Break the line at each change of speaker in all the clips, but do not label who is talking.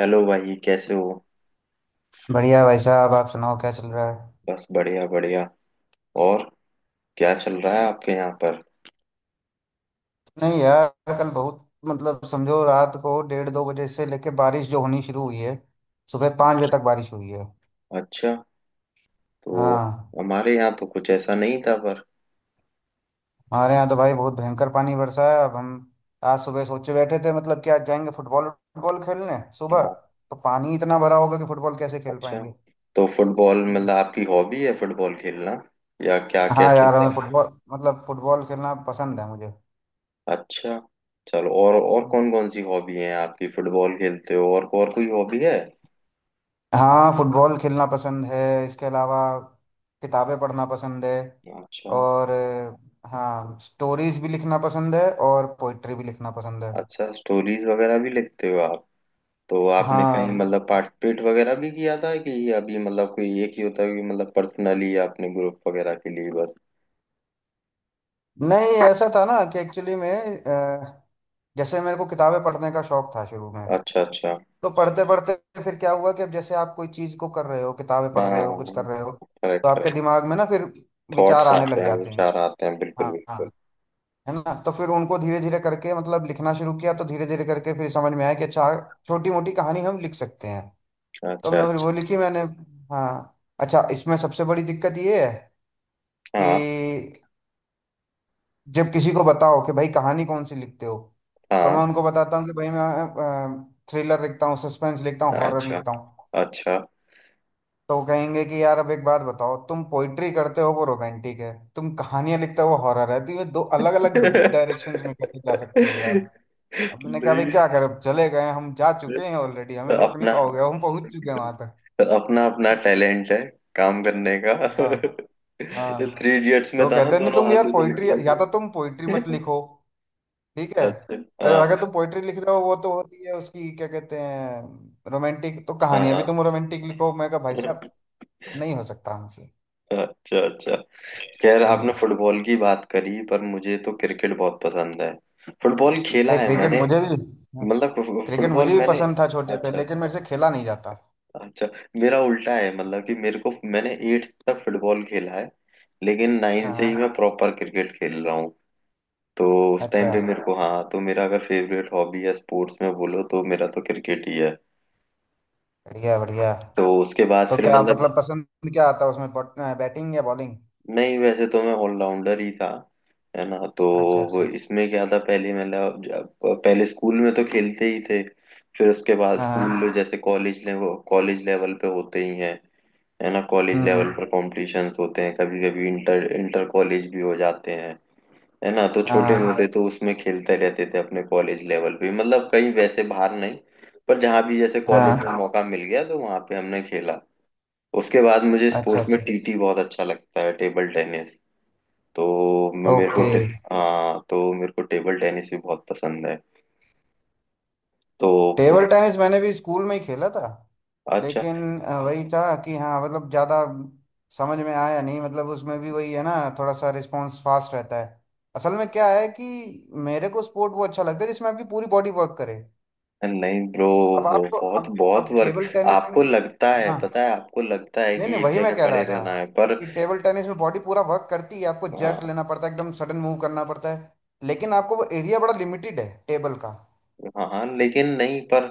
Hello भाई, कैसे हो।
बढ़िया भाई साहब, आप सुनाओ क्या चल रहा है?
बस बढ़िया बढ़िया। और क्या चल रहा है आपके यहाँ पर।
नहीं यार। कल बहुत मतलब समझो रात को डेढ़ दो बजे से लेके बारिश जो होनी शुरू हुई है, सुबह 5 बजे तक बारिश हुई है।
अच्छा, तो
हाँ।
हमारे यहाँ तो कुछ ऐसा नहीं था पर।
हमारे यहाँ तो भाई बहुत भयंकर पानी बरसा है। अब हम आज सुबह सोचे बैठे थे मतलब कि आज जाएंगे फुटबॉल फुटबॉल खेलने सुबह।
हाँ,
तो पानी इतना भरा होगा कि फुटबॉल कैसे खेल
अच्छा,
पाएंगे।
तो फुटबॉल मतलब
हम्म।
आपकी हॉबी है फुटबॉल खेलना या क्या
हाँ
कैसे
यार हमें
क्या।
फुटबॉल मतलब फुटबॉल खेलना पसंद है मुझे।
अच्छा, चलो, और कौन कौन सी हॉबी है आपकी। फुटबॉल खेलते हो और कोई हॉबी है।
हाँ, फुटबॉल खेलना पसंद है। इसके अलावा किताबें पढ़ना पसंद है।
अच्छा,
और हाँ, स्टोरीज भी लिखना पसंद है और पोइट्री भी लिखना पसंद है।
अच्छा स्टोरीज वगैरह भी लिखते हो आप। तो आपने कहीं
हाँ।
मतलब पार्टिसिपेट वगैरह भी किया था कि अभी, मतलब कोई एक ही होता है कि मतलब पर्सनली आपने ग्रुप वगैरह के लिए, बस।
नहीं ऐसा था ना कि एक्चुअली में, अ, जैसे मेरे को किताबें पढ़ने का शौक था शुरू में।
अच्छा अच्छा।
तो पढ़ते पढ़ते फिर क्या हुआ कि अब जैसे आप कोई चीज़ को कर रहे हो, किताबें पढ़
हाँ
रहे हो, कुछ कर
हाँ,
रहे हो, तो
करेक्ट
आपके
करेक्ट।
दिमाग में ना फिर विचार
थॉट्स
आने
आते
लग
हैं,
जाते हैं।
विचार आते हैं, बिल्कुल
हाँ
बिल्कुल।
हाँ। है ना, तो फिर उनको धीरे धीरे करके मतलब लिखना शुरू किया, तो धीरे धीरे करके फिर समझ में आया कि अच्छा, छोटी मोटी कहानी हम लिख सकते हैं।
अच्छा
तो
अच्छा।
हमने फिर वो लिखी मैंने। हाँ, अच्छा। इसमें सबसे बड़ी दिक्कत ये है
हाँ
कि जब किसी को बताओ कि भाई कहानी कौन सी लिखते हो, तो
हाँ।
मैं उनको बताता हूँ कि भाई मैं थ्रिलर लिखता हूँ, सस्पेंस लिखता हूँ, हॉरर
अच्छा
लिखता हूँ।
अच्छा।
तो वो कहेंगे कि यार अब एक बात बताओ, तुम पोइट्री करते हो वो रोमांटिक है, तुम कहानियां लिखते हो वो हॉरर है, तो ये दो अलग अलग
नहीं,
डायरेक्शंस में कैसे जा सकते हो यार? हमने कहा भाई क्या करें, अब चले गए, हम जा चुके हैं ऑलरेडी, हमें रोक नहीं
अपना
पाओगे, हम पहुंच चुके हैं वहां तक।
अपना अपना टैलेंट है काम करने का।
हाँ हाँ।
थ्री इडियट्स में
तो
था ना,
कहते नहीं
दोनों
तुम यार,
हाथों से
पोइट्री,
निकला।
या तो तुम पोइट्री मत
तो
लिखो, ठीक है?
अच्छा।
और अगर
हाँ
तुम पोइट्री लिख रहे हो वो तो होती है उसकी क्या कहते हैं, रोमांटिक, तो कहानियां भी
हाँ।
तुम रोमांटिक लिखो। मैं कहा भाई साहब, नहीं हो सकता हमसे।
अच्छा अच्छा। खैर,
हम्म।
आपने फुटबॉल की बात करी, पर मुझे तो क्रिकेट बहुत पसंद है। फुटबॉल खेला
अरे
है
क्रिकेट
मैंने।
मुझे भी,
मतलब
क्रिकेट
फुटबॉल
मुझे भी
मैंने।
पसंद था छोटे पे,
अच्छा
लेकिन मेरे
अच्छा।
से खेला नहीं जाता।
अच्छा, मेरा उल्टा है, मतलब कि मेरे को, मैंने 8th तक फुटबॉल खेला है। लेकिन 9
हाँ
से ही
हाँ।
मैं प्रॉपर क्रिकेट खेल रहा हूँ। तो उस
अच्छा,
टाइम पे मेरे को, हाँ, तो मेरा अगर फेवरेट हॉबी या स्पोर्ट्स में बोलो तो मेरा तो क्रिकेट ही है।
बढ़िया बढ़िया।
तो उसके बाद
तो
फिर
क्या
मतलब,
मतलब पसंद क्या आता है उसमें, बैटिंग या बॉलिंग?
नहीं वैसे तो मैं ऑलराउंडर ही था, है ना। तो
अच्छा
वो
अच्छा।
इसमें क्या था पहले, मतलब पहले स्कूल में तो खेलते ही थे। फिर उसके बाद
हाँ हाँ।
स्कूल जैसे कॉलेज लेवल, पे होते ही हैं, है ना। कॉलेज लेवल
हम्म।
पर कॉम्पिटिशन्स होते हैं, कभी कभी इंटर इंटर कॉलेज भी हो जाते हैं, है ना। तो छोटे
हाँ
मोटे तो उसमें खेलते रहते थे, अपने कॉलेज लेवल पे, मतलब कहीं वैसे बाहर नहीं, पर जहाँ भी जैसे कॉलेज में
हाँ।
मौका मिल गया तो वहाँ पे हमने खेला। उसके बाद मुझे
अच्छा
स्पोर्ट्स में
अच्छा।
टीटी बहुत अच्छा लगता है, टेबल टेनिस। तो मेरे को,
ओके।
हाँ हाँ तो मेरे को टेबल टेनिस भी बहुत पसंद है। तो
टेबल
फिर-
टेनिस मैंने भी स्कूल में ही खेला था।
अच्छा,
लेकिन वही था कि हाँ मतलब ज़्यादा समझ में आया नहीं। मतलब उसमें भी वही है ना, थोड़ा सा रिस्पॉन्स फास्ट रहता है। असल में क्या है कि मेरे को स्पोर्ट वो अच्छा लगता है जिसमें आपकी पूरी बॉडी वर्क करे।
नहीं ब्रो,
अब
वो
आपको
बहुत बहुत
अब
वर्क।
टेबल टेनिस में,
आपको लगता है,
हाँ,
पता है आपको लगता है
नहीं
कि
नहीं,
एक
वही मैं
जगह
कह रहा
खड़े
था
रहना है, पर
कि टेबल टेनिस में बॉडी पूरा वर्क करती है, आपको जर्क
हाँ
लेना पड़ता है, एकदम सडन मूव करना पड़ता है, लेकिन आपको वो एरिया बड़ा लिमिटेड है टेबल का।
हाँ। हाँ, लेकिन नहीं, पर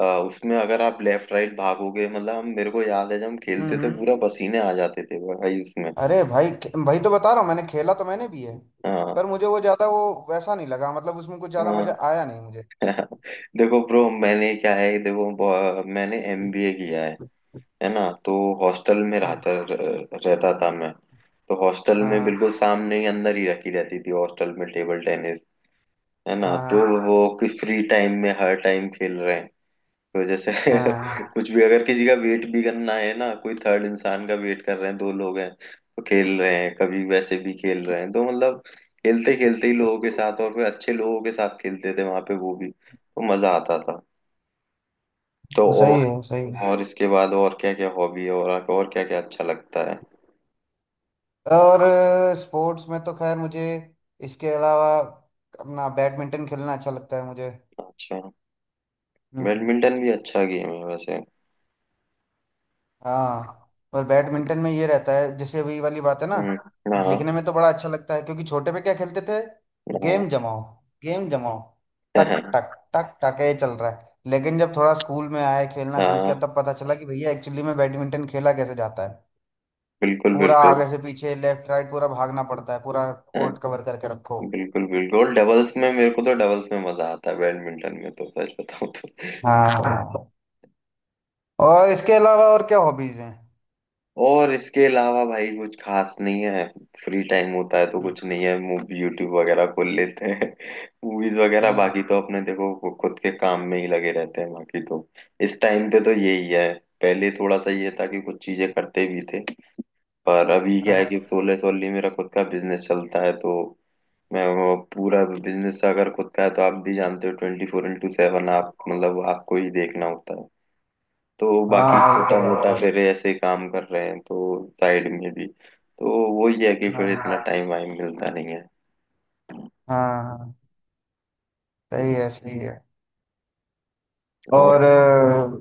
उसमें अगर आप लेफ्ट राइट भागोगे, मतलब हम, मेरे को याद है जब हम खेलते थे,
हम्म।
पूरा पसीने आ जाते थे भाई उसमें।
अरे भाई, भाई तो बता रहा हूँ, मैंने खेला तो मैंने भी है,
हाँ
पर मुझे वो ज्यादा वो वैसा नहीं लगा। मतलब उसमें कुछ ज्यादा
हाँ।
मजा आया नहीं मुझे।
देखो ब्रो, मैंने क्या है, देखो मैंने एमबीए किया है ना। तो हॉस्टल में
हाँ
रहता रहता था मैं। तो हॉस्टल में
हाँ।
बिल्कुल सामने ही, अंदर ही रखी रहती थी हॉस्टल में टेबल टेनिस, है ना।
हाँ
तो
हाँ
वो किस, फ्री टाइम में हर टाइम खेल रहे हैं। तो जैसे
हाँ।
कुछ भी, अगर किसी का वेट भी करना है ना, कोई थर्ड इंसान का वेट कर रहे हैं, दो लोग हैं तो खेल रहे हैं, कभी वैसे भी खेल रहे हैं। तो मतलब खेलते खेलते ही लोगों के साथ, और फिर अच्छे लोगों के साथ खेलते थे वहां पे, वो भी तो मजा आता था। तो
वो
और
सही है, वो सही है।
और इसके बाद और क्या क्या हॉबी है, और क्या क्या अच्छा लगता है।
और स्पोर्ट्स में तो खैर मुझे, इसके अलावा अपना बैडमिंटन खेलना अच्छा लगता है मुझे।
अच्छा,
हम्म।
बैडमिंटन भी अच्छा गेम है वैसे।
हाँ। पर बैडमिंटन में ये रहता है, जैसे वही वाली बात है ना
हम्म।
कि
हाँ
देखने में तो बड़ा अच्छा लगता है क्योंकि छोटे पे क्या खेलते थे,
हाँ।
गेम जमाओ, गेम जमाओ, टक टक टक टक, ये चल रहा है। लेकिन जब थोड़ा स्कूल में आए, खेलना शुरू किया,
हाँ
तब पता चला कि भैया एक्चुअली में बैडमिंटन खेला कैसे जाता है।
बिल्कुल
पूरा
बिल्कुल।
आगे से पीछे, लेफ्ट राइट पूरा भागना पड़ता है, पूरा
हाँ,
कोर्ट कवर करके रखो।
बिल्कुल बिल्कुल, डबल्स में मेरे को, तो डबल्स में मजा आता है बैडमिंटन में, तो सच बताऊं तो।
हाँ। और इसके अलावा और क्या हॉबीज हैं?
और इसके अलावा भाई कुछ खास नहीं है। फ्री टाइम होता है तो
हम्म
कुछ नहीं है, मूवी यूट्यूब वगैरह खोल लेते हैं। मूवीज वगैरह,
हम्म,
बाकी तो अपने, देखो वो खुद के काम में ही लगे रहते हैं बाकी तो। इस टाइम पे तो यही है। पहले थोड़ा सा ये था कि कुछ चीजें करते भी थे, पर अभी क्या है कि
हाँ
सोलह सोली मेरा खुद का बिजनेस चलता है। तो मैं, वो पूरा बिजनेस अगर खुद का है तो आप भी जानते हो, 24/7 आप, मतलब आपको ही देखना होता है। तो
हाँ,
बाकी
हाँ, ये तो
छोटा
बात
मोटा
है।
फिर ऐसे काम कर रहे हैं, तो साइड में भी तो, वही है कि फिर इतना
हाँ
टाइम वाइम मिलता नहीं है।
हाँ, हाँ, सही है सही है।
और
और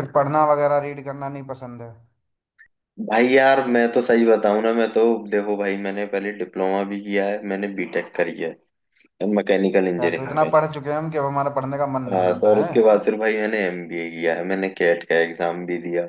कुछ पढ़ना वगैरह रीड करना नहीं पसंद है?
भाई यार, मैं तो सही बताऊं ना, मैं तो, देखो भाई, मैंने पहले डिप्लोमा भी किया है, मैंने बीटेक करी है मैकेनिकल
या तो
इंजीनियरिंग
इतना
में।
पढ़ चुके हैं हम कि अब हमारा पढ़ने का मन नहीं
हाँ तो,
होता
और
है।
उसके बाद फिर भाई मैंने एमबीए किया है, मैंने कैट का एग्जाम भी दिया,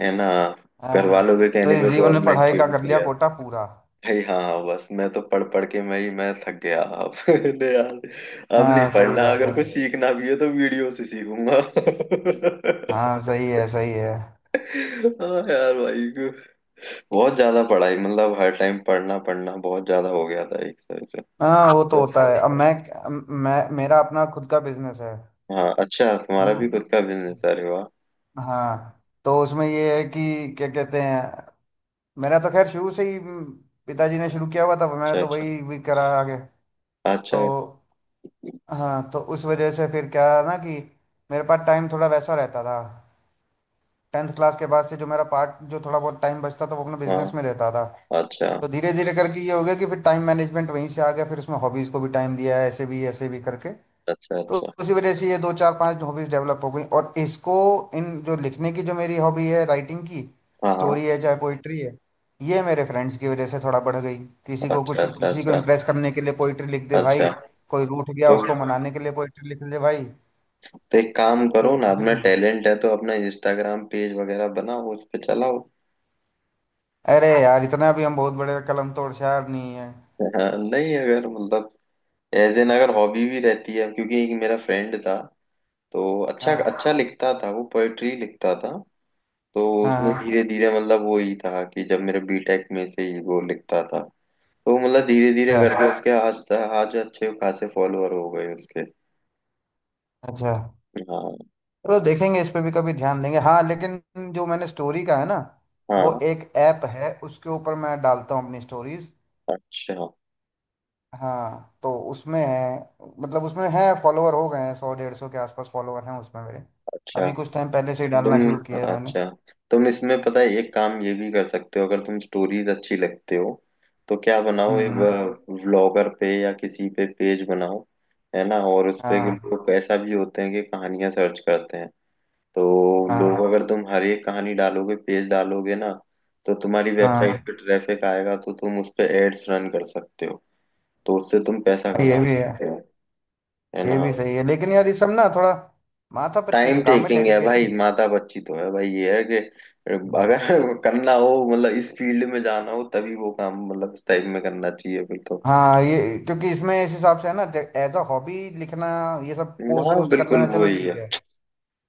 है ना। घर
अरे,
वालों के
तो
कहने
इस
पे
जीवन में
गवर्नमेंट
पढ़ाई
के
का
भी
कर लिया
दिया है
कोटा पूरा।
भाई। हाँ हाँ, बस मैं तो पढ़ पढ़ के, मैं ही मैं थक गया अब। नहीं यार, अब नहीं
हाँ, सही
पढ़ना,
बात
अगर कुछ
है।
सीखना भी है तो वीडियो से सीखूंगा।
हाँ, सही है सही है।
हाँ यार भाई, बहुत ज्यादा पढ़ाई, मतलब हर टाइम पढ़ना पढ़ना बहुत ज्यादा हो गया था एक तरह से।
हाँ, वो तो
तो,
होता है। अब मैं मेरा अपना खुद का बिजनेस है।
हाँ, अच्छा
है
तुम्हारा
ना।
भी खुद का बिजनेस है, अरे वाह।
हाँ, तो उसमें ये है कि क्या कहते हैं, मेरा तो खैर शुरू से ही पिताजी ने शुरू किया हुआ था, मैंने
अच्छा
तो
अच्छा
वही भी करा आगे। तो,
अच्छा।
हाँ, तो उस वजह से फिर क्या है ना कि मेरे पास टाइम थोड़ा वैसा रहता था। टेंथ क्लास के बाद से जो मेरा पार्ट, जो थोड़ा बहुत टाइम बचता था वो अपने बिजनेस
हाँ।
में रहता था।
अच्छा
तो धीरे धीरे करके ये हो गया कि फिर टाइम मैनेजमेंट वहीं से आ गया, फिर उसमें हॉबीज़ को भी टाइम दिया ऐसे भी करके।
अच्छा
तो
अच्छा।
उसी वजह से ये दो चार पांच हॉबीज डेवलप हो गई। और इसको, इन जो लिखने की जो मेरी हॉबी है राइटिंग की,
हाँ हाँ।
स्टोरी है चाहे पोइट्री है, ये मेरे फ्रेंड्स की वजह से थोड़ा बढ़ गई। किसी को
अच्छा
कुछ,
अच्छा।
किसी को
अच्छा
इम्प्रेस करने के लिए पोइट्री लिख दे भाई,
अच्छा।
कोई रूठ गया
तो
उसको मनाने के लिए पोइट्री लिख दे भाई।
तो एक काम
तो
करो ना,
उसे,
अपना टैलेंट है तो अपना इंस्टाग्राम पेज वगैरह बनाओ, उस पे चलाओ।
अरे यार, इतना भी हम बहुत बड़े कलम तोड़ शायर नहीं है।
हाँ, नहीं, अगर मतलब एज एन अगर हॉबी भी रहती है, क्योंकि एक मेरा फ्रेंड था तो अच्छा
हाँ
अच्छा लिखता था, वो पोएट्री लिखता था। तो
हाँ,
उसने
हाँ।
धीरे धीरे, मतलब वो ही था कि जब, मेरे बीटेक में से ही वो लिखता था। तो मतलब धीरे धीरे
अच्छा
करके उसके, आज आज अच्छे खासे फॉलोअर हो गए उसके।
अच्छा।
हाँ
चलो देखेंगे, इस पे भी कभी ध्यान देंगे। हाँ, लेकिन जो मैंने स्टोरी का है ना, वो
हाँ।
एक ऐप है, उसके ऊपर मैं डालता हूँ अपनी स्टोरीज।
अच्छा
हाँ, तो उसमें है, मतलब उसमें है फॉलोअर हो गए हैं, सौ डेढ़ सौ के आसपास फॉलोअर हैं उसमें मेरे।
अच्छा।
अभी कुछ टाइम पहले से ही
तुम
डालना शुरू किया है मैंने।
अच्छा, तुम इसमें पता है एक काम ये भी कर सकते हो, अगर तुम स्टोरीज अच्छी लगते हो तो क्या, बनाओ एक
हम्म।
व्लॉगर पे या किसी पे पेज बनाओ, है ना। और उस पे कि
हाँ
लोग ऐसा भी होते हैं कि कहानियां सर्च करते हैं। तो लोग,
हाँ,
अगर तुम हर एक कहानी डालोगे, पेज डालोगे ना, तो तुम्हारी वेबसाइट
हाँ।
पे ट्रैफिक आएगा, तो तुम उस पे एड्स रन कर सकते हो। तो उससे तुम पैसा
ये
कमा
भी है,
सकते हो, है
ये
ना।
भी सही है, लेकिन यार ये सब ना थोड़ा माथा पच्ची
टाइम
का काम है,
टेकिंग है भाई,
डेडिकेशन।
माता बच्ची तो है भाई, ये है कि अगर करना हो, मतलब इस फील्ड में जाना हो तभी वो काम, मतलब उस टाइप में करना चाहिए बिल्कुल।
हाँ, ये क्योंकि इसमें इस हिसाब से है ना, एज अ हॉबी, लिखना, ये सब पोस्ट
हाँ
वोस्ट कर
बिल्कुल,
लेना,
वो
चलो
ही है।
ठीक है।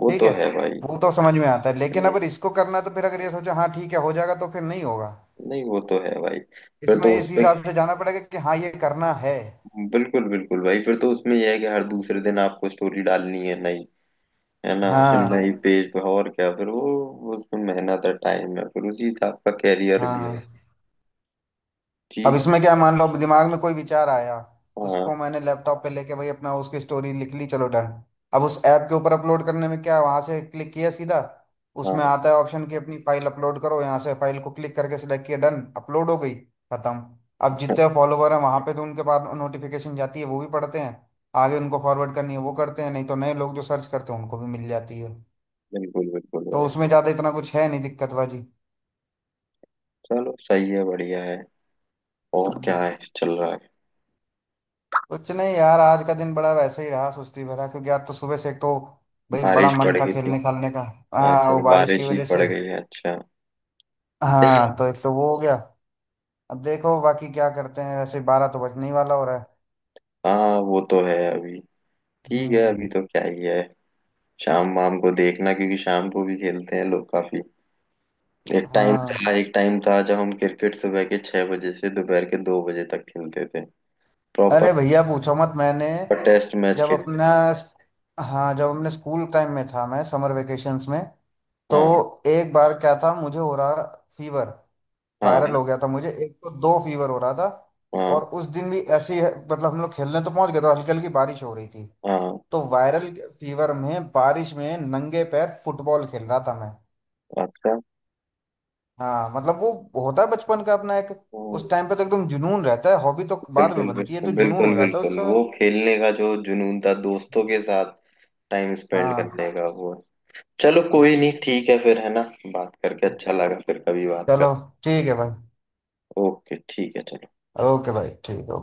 वो
ठीक
तो
है,
है भाई।
वो तो समझ में आता है, लेकिन
हम्म,
अगर इसको करना है, तो फिर अगर ये सोचो हाँ ठीक है हो जाएगा, तो फिर नहीं होगा।
नहीं वो तो है भाई। फिर
इसमें
तो
इस
उसपे
हिसाब से जाना पड़ेगा कि हाँ ये करना है।
बिल्कुल बिल्कुल भाई, फिर तो उसमें यह है कि हर
हाँ
दूसरे दिन आपको स्टोरी डालनी है नई, है ना, नई पेज पे। और क्या फिर वो उसमें मेहनत है, टाइम है, फिर उसी हिसाब का कैरियर
हाँ
भी है।
हाँ। अब
ठीक है।
इसमें क्या है, मान लो अब दिमाग में कोई विचार आया,
हाँ
उसको मैंने लैपटॉप पे लेके भाई अपना उसकी स्टोरी लिख ली, चलो डन। अब उस ऐप के ऊपर अपलोड करने में क्या, वहां से क्लिक किया सीधा,
हाँ।
उसमें आता है ऑप्शन कि अपनी फाइल अपलोड करो, यहाँ से फाइल को क्लिक करके सिलेक्ट किया, डन, अपलोड हो गई, खत्म। अब
हाँ,
जितने फॉलोवर हैं वहां पे तो उनके पास नोटिफिकेशन जाती है, वो भी पढ़ते हैं, आगे उनको फॉरवर्ड करनी है वो करते हैं, नहीं तो नए लोग जो सर्च करते हैं उनको भी मिल जाती है।
बिल्कुल बिल्कुल।
तो उसमें ज्यादा इतना कुछ है नहीं दिक्कत बाजी।
चलो सही है, बढ़िया है। और क्या
हम्म।
है, चल रहा है।
कुछ नहीं यार, आज का दिन बड़ा वैसे ही रहा, सुस्ती भरा, क्योंकि आज तो सुबह से एक तो भाई बड़ा
बारिश
मन
पड़
था
गई थी।
खेलने खालने का। हाँ, वो
अच्छा,
बारिश की
बारिश ही
वजह
पड़
से।
गई है, अच्छा।
हाँ, तो एक तो वो हो गया। अब देखो बाकी क्या करते हैं, वैसे 12 तो बजने ही वाला हो रहा है।
हाँ वो तो है। अभी ठीक है,
हम्म।
अभी तो क्या ही है। शाम वाम को देखना, क्योंकि शाम को भी खेलते हैं लोग काफी। एक टाइम
हाँ।
था जब हम क्रिकेट सुबह के 6 बजे से दोपहर के 2 बजे तक खेलते थे, प्रॉपर
अरे भैया पूछो मत, मैंने
टेस्ट मैच
जब
खेल।
अपना, हाँ, जब हमने स्कूल टाइम में था मैं समर वेकेशंस में,
हाँ
तो एक बार क्या था मुझे हो रहा फीवर,
हाँ।
वायरल हो गया था मुझे, एक तो दो फीवर हो रहा था।
हाँ
और उस दिन भी ऐसे ही मतलब हम लोग खेलने तो पहुंच गए थे, हल्की हल्की बारिश हो रही थी,
हाँ।
तो वायरल फीवर में बारिश में नंगे पैर फुटबॉल खेल रहा था मैं।
अच्छा।
हाँ, मतलब वो होता है बचपन का अपना एक,
हम्म,
उस टाइम पे तो एकदम जुनून रहता है, हॉबी तो बाद
बिल्कुल
में बनती है,
बिल्कुल
तो जुनून हो
बिल्कुल
जाता है उस
बिल्कुल, वो
समय।
खेलने का जो जुनून था दोस्तों के साथ टाइम स्पेंड
हाँ,
करने का, वो है। चलो कोई नहीं, ठीक है फिर, है ना। बात करके अच्छा लगा, फिर कभी बात
चलो,
करते
ठीक है भाई।
हैं। ओके ठीक है, चलो।
ओके भाई, ठीक है।